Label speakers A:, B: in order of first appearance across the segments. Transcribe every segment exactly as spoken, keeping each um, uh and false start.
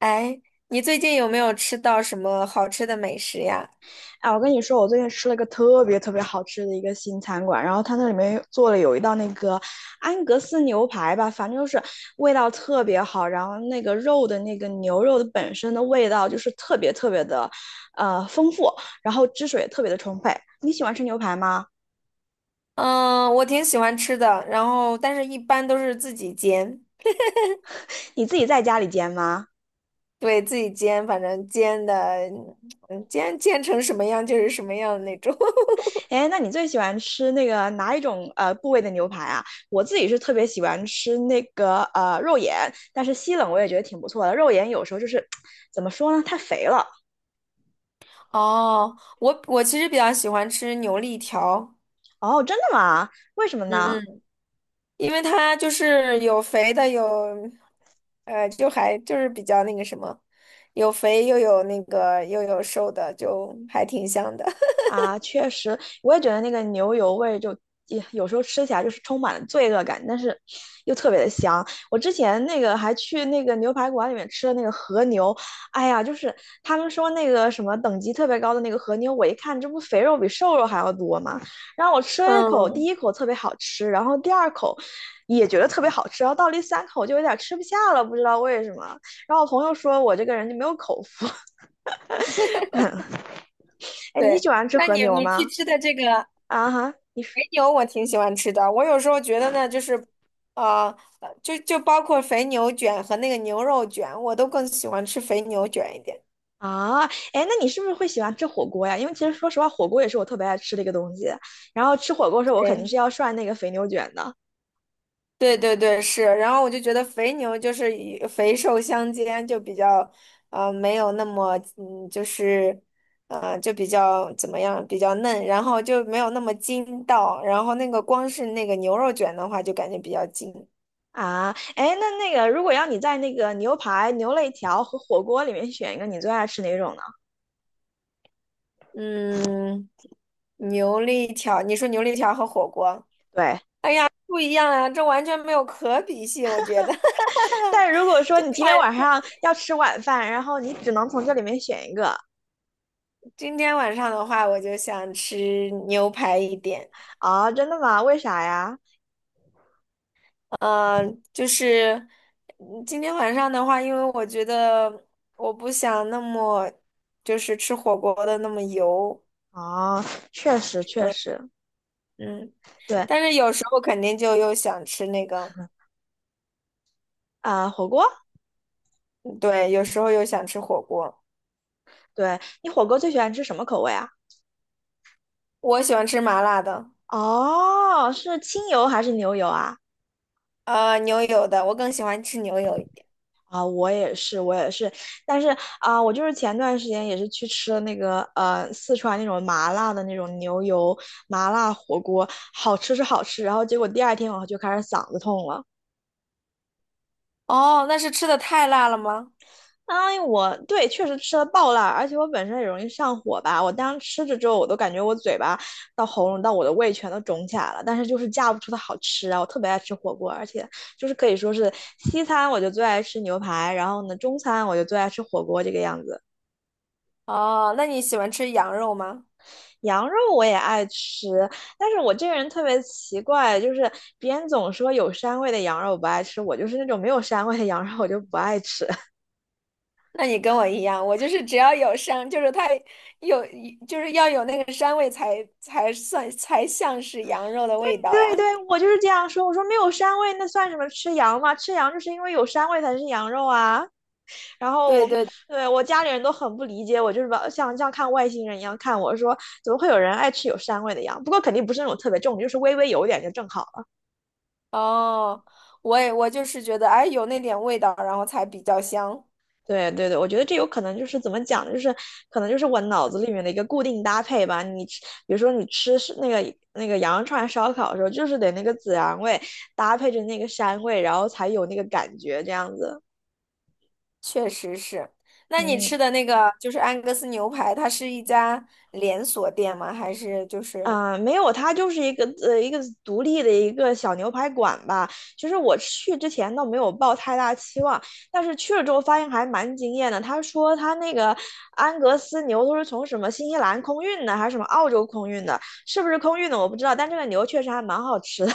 A: 哎，你最近有没有吃到什么好吃的美食呀？
B: 哎，我跟你说，我最近吃了一个特别特别好吃的一个新餐馆，然后它那里面做了有一道那个安格斯牛排吧，反正就是味道特别好，然后那个肉的那个牛肉的本身的味道就是特别特别的，呃，丰富，然后汁水也特别的充沛。你喜欢吃牛排吗？
A: 嗯，我挺喜欢吃的，然后但是一般都是自己煎。
B: 你自己在家里煎吗？
A: 对，自己煎，反正煎的，嗯煎煎成什么样就是什么样的那种。
B: 哎，那你最喜欢吃那个哪一种呃部位的牛排啊？我自己是特别喜欢吃那个呃肉眼，但是西冷我也觉得挺不错的。肉眼有时候就是 怎么说呢，太肥了。
A: 哦，我我其实比较喜欢吃牛肋条。
B: 哦，真的吗？为什么
A: 嗯
B: 呢？
A: 嗯，因为它就是有肥的，有，呃，就还就是比较那个什么，有肥又有那个又有瘦的，就还挺香的。
B: 啊，确实，我也觉得那个牛油味就也有时候吃起来就是充满了罪恶感，但是又特别的香。我之前那个还去那个牛排馆里面吃了那个和牛，哎呀，就是他们说那个什么等级特别高的那个和牛，我一看这不肥肉比瘦肉还要多吗？然后我吃了一口，第
A: 嗯。
B: 一口特别好吃，然后第二口也觉得特别好吃，然后到第三口就有点吃不下了，不知道为什么。然后我朋友说我这个人就没有口福。哎，你
A: 对，
B: 喜欢吃
A: 那
B: 和
A: 你
B: 牛
A: 你去
B: 吗？
A: 吃的这个
B: 啊哈。你？
A: 肥牛，我挺喜欢吃的。我有时候觉得呢，就是，呃，呃就就包括肥牛卷和那个牛肉卷，我都更喜欢吃肥牛卷一点。
B: 啊，哎，那你是不是会喜欢吃火锅呀？因为其实说实话，火锅也是我特别爱吃的一个东西。然后吃火锅的时候，我肯定
A: 对，
B: 是要涮那个肥牛卷的
A: 对对对，是。然后我就觉得肥牛就是以肥瘦相间，就比较，呃，没有那么，嗯，就是，呃，就比较怎么样，比较嫩，然后就没有那么筋道。然后那个光是那个牛肉卷的话，就感觉比较筋。
B: 啊。哎，那那个如果要你在那个牛排、牛肋条和火锅里面选一个，你最爱吃哪种呢？
A: 嗯，牛肋条，你说牛肋条和火锅
B: 对，
A: 不一样啊，这完全没有可比性，我觉得。
B: 但如果说
A: 就
B: 你今天
A: 看
B: 晚上要吃晚饭，然后你只能从这里面选一个
A: 今天晚上的话，我就想吃牛排一点。
B: 啊，真的吗？为啥呀？
A: 嗯，就是嗯今天晚上的话，因为我觉得我不想那么就是吃火锅的那么油。
B: 哦，确实确
A: 嗯
B: 实，
A: 嗯，
B: 对
A: 但是有时候肯定就又想吃那个，
B: 啊，火锅，
A: 嗯对，有时候又想吃火锅。
B: 对你火锅最喜欢吃什么口味啊？
A: 我喜欢吃麻辣的。
B: 哦，是清油还是牛油啊？
A: 呃，牛油的，我更喜欢吃牛油一点。
B: 啊，我也是，我也是，但是啊，我就是前段时间也是去吃了那个呃四川那种麻辣的那种牛油麻辣火锅，好吃是好吃，然后结果第二天我就开始嗓子痛了。
A: 哦，那是吃的太辣了吗？
B: 哎，我对确实吃了爆辣，而且我本身也容易上火吧。我当时吃着之后，我都感觉我嘴巴到喉咙到我的胃全都肿起来了，但是就是架不住它好吃啊。我特别爱吃火锅，而且就是可以说是西餐我就最爱吃牛排，然后呢中餐我就最爱吃火锅这个样子。
A: 哦，那你喜欢吃羊肉吗？
B: 羊肉我也爱吃，但是我这个人特别奇怪，就是别人总说有膻味的羊肉我不爱吃，我就是那种没有膻味的羊肉我就不爱吃。
A: 那你跟我一样，我就是只要有膻，就是它有，就是要有那个膻味才才算才像是羊肉的
B: 对
A: 味道呀。
B: 对对，我就是这样说，我说没有膻味那算什么吃羊吗？吃羊就是因为有膻味才是羊肉啊。然后
A: 对
B: 我
A: 对，
B: 对我家里人都很不理解我，就是把像像看外星人一样看我说，怎么会有人爱吃有膻味的羊？不过肯定不是那种特别重，就是微微有点就正好。
A: 哦，我也我就是觉得，哎，有那点味道，然后才比较香。
B: 对对对，我觉得这有可能就是怎么讲呢，就是可能就是我脑子里面的一个固定搭配吧。你吃，比如说你吃是那个那个羊肉串烧烤的时候，就是得那个孜然味搭配着那个膻味，然后才有那个感觉这样子。
A: 确实是。那你
B: 嗯。
A: 吃的那个就是安格斯牛排，它是一家连锁店吗？还是就是？
B: 啊、没有，它就是一个呃一个独立的一个小牛排馆吧。其实我去之前倒没有抱太大期望，但是去了之后发现还蛮惊艳的。他说他那个安格斯牛都是从什么新西兰空运的，还是什么澳洲空运的？是不是空运的我不知道，但这个牛确实还蛮好吃的。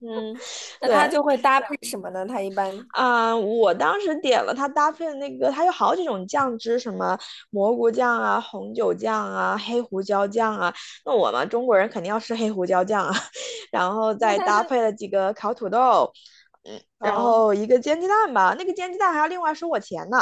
A: 嗯，那他
B: 对，
A: 就会搭配什么呢？他一般，
B: 啊、我当时点了它搭配的那个，它有好几种酱汁，什么蘑菇酱啊、红酒酱啊、黑胡椒酱啊。那我嘛，中国人肯定要吃黑胡椒酱啊，然后再搭配了几个烤土豆，嗯，然
A: 哦
B: 后一个煎鸡蛋吧。那个煎鸡蛋还要另外收我钱呢。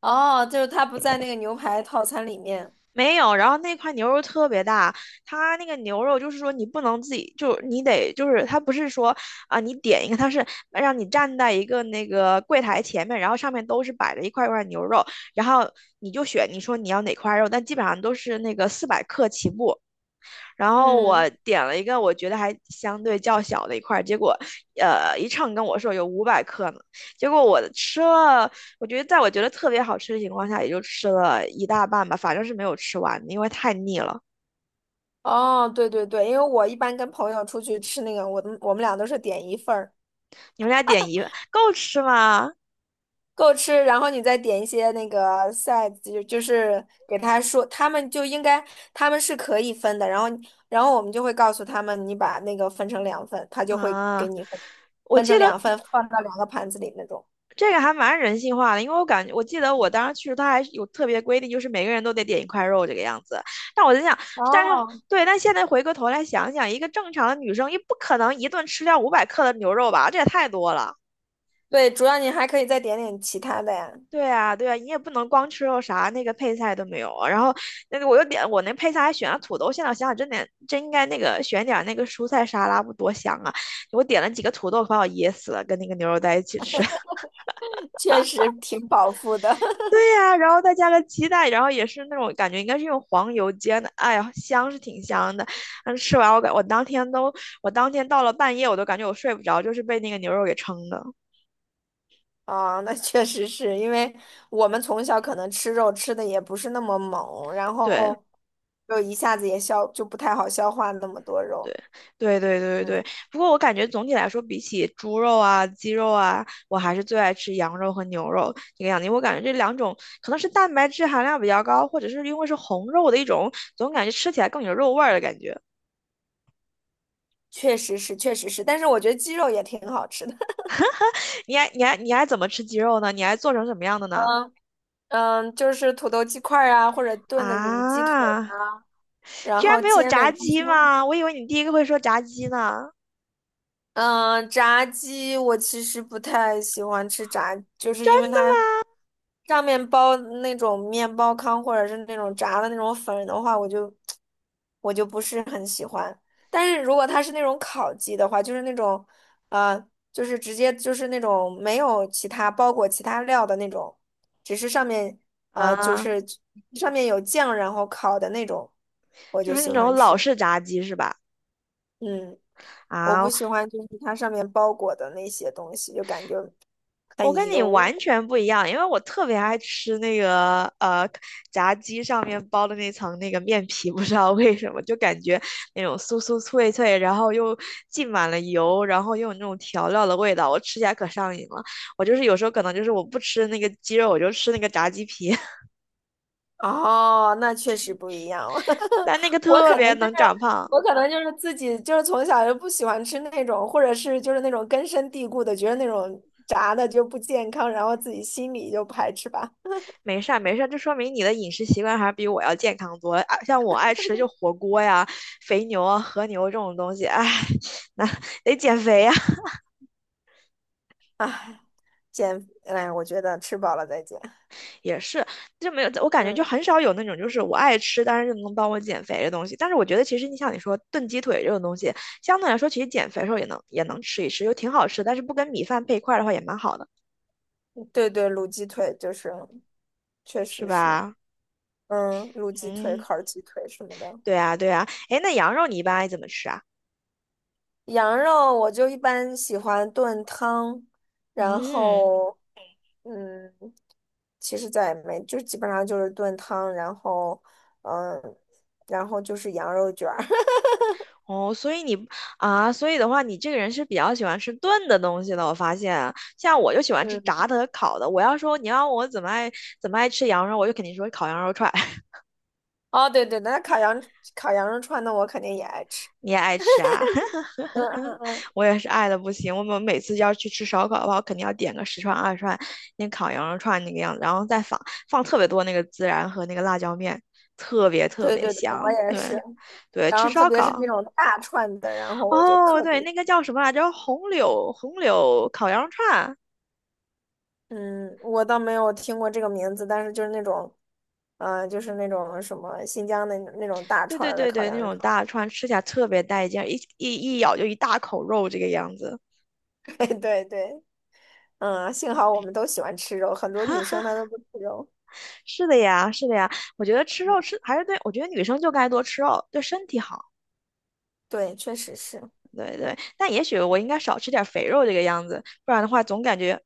A: 哦，就是他不在那个牛排套餐里面。
B: 没有，然后那块牛肉特别大，它那个牛肉就是说你不能自己，就是你得就是它不是说啊、你点一个，它是让你站在一个那个柜台前面，然后上面都是摆着一块一块牛肉，然后你就选你说你要哪块肉，但基本上都是那个四百克起步，然后
A: 嗯，
B: 我点了一个我觉得还相对较小的一块儿，结果呃一称跟我说有五百克呢，结果我吃了，我觉得在我觉得特别好吃的情况下，也就吃了一大半吧，反正是没有吃完的因为太腻了。
A: 哦，对对对，因为我一般跟朋友出去吃那个，我们我们俩都是点一份儿。
B: 你们俩点一够吃吗？
A: 够吃，然后你再点一些那个 s i d e 就就是给他说，他们就应该他们是可以分的，然后然后我们就会告诉他们，你把那个分成两份，他就会给
B: 啊，
A: 你分成
B: 我
A: 分
B: 记
A: 成
B: 得
A: 两份，放到两个盘子里那种。
B: 这个还蛮人性化的，因为我感觉，我记得我当时去的时候，他还是有特别规定，就是每个人都得点一块肉这个样子。但我在想，但是
A: 哦，
B: 对，但现在回过头来想想，一个正常的女生也不可能一顿吃掉五百克的牛肉吧，这也太多了。
A: 对，主要你还可以再点点其他的呀。
B: 对啊，对啊，你也不能光吃肉啥，那个配菜都没有啊。然后那个我又点，我那配菜还选了土豆，现在我想想，真点真应该那个选点那个蔬菜沙拉，不多香啊！我点了几个土豆，把我噎死了，跟那个牛肉在一起吃。
A: 确实挺饱腹的
B: 对 呀、然后再加个鸡蛋，然后也是那种感觉应该是用黄油煎的，哎呀，香是挺香的。但是吃完我感我当天都，我当天到了半夜我都感觉我睡不着，就是被那个牛肉给撑的。
A: 啊，那确实是因为我们从小可能吃肉吃的也不是那么猛，然
B: 对
A: 后就一下子也消就不太好消化那么多肉。
B: 对对对对
A: 嗯，
B: 对。不过我感觉总体来说，比起猪肉啊、鸡肉啊，我还是最爱吃羊肉和牛肉这个样子因为我感觉这两种可能是蛋白质含量比较高，或者是因为是红肉的一种，总感觉吃起来更有肉味儿的感觉。
A: 确实是，确实是，但是我觉得鸡肉也挺好吃的。
B: 你还你还你还怎么吃鸡肉呢？你还做成什么样的呢？
A: 嗯嗯，就是土豆鸡块儿啊，或者炖的鸡腿，
B: 啊，
A: 然
B: 居然
A: 后
B: 没有
A: 煎的
B: 炸
A: 鸡
B: 鸡
A: 胸。
B: 吗？我以为你第一个会说炸鸡呢。
A: 嗯，炸鸡我其实不太喜欢吃炸，就是因为它上面包那种面包糠或者是那种炸的那种粉的话，我就我就不是很喜欢。但是如果它是那种烤鸡的话，就是那种呃，就是直接就是那种没有其他包裹其他料的那种，只是上面呃就
B: 啊，
A: 是上面有酱然后烤的那种，我
B: 就
A: 就
B: 是
A: 喜
B: 那
A: 欢
B: 种老
A: 吃。
B: 式炸鸡是吧？
A: 嗯。我不
B: 啊，
A: 喜欢就是它上面包裹的那些东西，就感觉
B: 我
A: 很
B: 跟你
A: 油。
B: 完全不一样，因为我特别爱吃那个呃炸鸡上面包的那层那个面皮，不知道为什么就感觉那种酥酥脆脆，然后又浸满了油，然后又有那种调料的味道，我吃起来可上瘾了。我就是有时候可能就是我不吃那个鸡肉，我就吃那个炸鸡皮，
A: 哦，那确实不一样。
B: 但那个
A: 我
B: 特
A: 可
B: 别
A: 能就是
B: 能长胖。
A: 我可能就是自己就是从小就不喜欢吃那种，或者是就是那种根深蒂固的，觉得那种炸的就不健康，然后自己心里就排斥吧。
B: 没事儿，没事儿，这说明你的饮食习惯还是比我要健康多了啊像我爱吃就火锅呀、肥牛啊、和牛这种东西，哎，那得减肥呀。
A: 唉，减，哎，我觉得吃饱了再减。
B: 也是，就没有，我感觉就
A: 嗯，
B: 很少有那种就是我爱吃，但是就能帮我减肥的东西。但是我觉得其实你像你说炖鸡腿这种东西，相对来说其实减肥的时候也能也能吃一吃，又挺好吃，但是不跟米饭配一块儿的话也蛮好的，
A: 对对，卤鸡腿就是，确
B: 是
A: 实是。
B: 吧？
A: 嗯，卤鸡腿、
B: 嗯，
A: 烤鸡腿什么的。
B: 对啊，对啊。哎，那羊肉你一般爱怎么吃啊？
A: 羊肉我就一般喜欢炖汤，然
B: 嗯。
A: 后嗯，其实再也没，就基本上就是炖汤，然后嗯，然后就是羊肉卷儿，
B: 哦，所以你啊，所以的话，你这个人是比较喜欢吃炖的东西的。我发现啊，像我就喜欢吃
A: 嗯，
B: 炸的和烤的。我要说你要我怎么爱怎么爱吃羊肉，我就肯定说烤羊肉串。
A: 哦对对，那烤羊烤羊肉串，那我肯定也爱吃，
B: 你也爱吃啊？
A: 嗯嗯嗯，
B: 我也是爱的不行。我们每次要去吃烧烤的话，我肯定要点个十串二十串，那烤羊肉串那个样子，然后再放放特别多那个孜然和那个辣椒面，特别特
A: 对
B: 别
A: 对对，我
B: 香。
A: 也是，
B: 对，对，
A: 然
B: 吃
A: 后特
B: 烧
A: 别是那
B: 烤。
A: 种大串的，然后我就
B: 哦，
A: 特
B: 对，
A: 别，
B: 那个叫什么来着？红柳红柳烤羊肉串。
A: 嗯，我倒没有听过这个名字，但是就是那种，嗯、就是那种什么新疆的那种大
B: 对
A: 串
B: 对
A: 儿的
B: 对
A: 烤
B: 对，那
A: 羊肉
B: 种
A: 串。
B: 大串吃起来特别带劲一一一咬就一大口肉，这个样子。
A: 对对对，嗯，幸好我们都喜欢吃肉，很多女生她都不吃肉。
B: 是的呀，是的呀，我觉得吃肉吃还是对，我觉得女生就该多吃肉，对身体好。
A: 对，确实是，
B: 对对，但也许我应该少吃点肥肉这个样子，不然的话总感觉。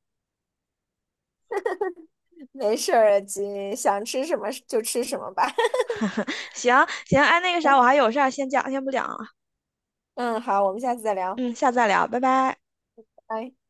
A: 没事儿，姐想吃什么就吃什么吧。
B: 行行，哎，那个啥，我 还有事儿，先讲，先不讲了。
A: 嗯，好，我们下次再聊，
B: 嗯，下次再聊，拜拜。
A: 拜拜。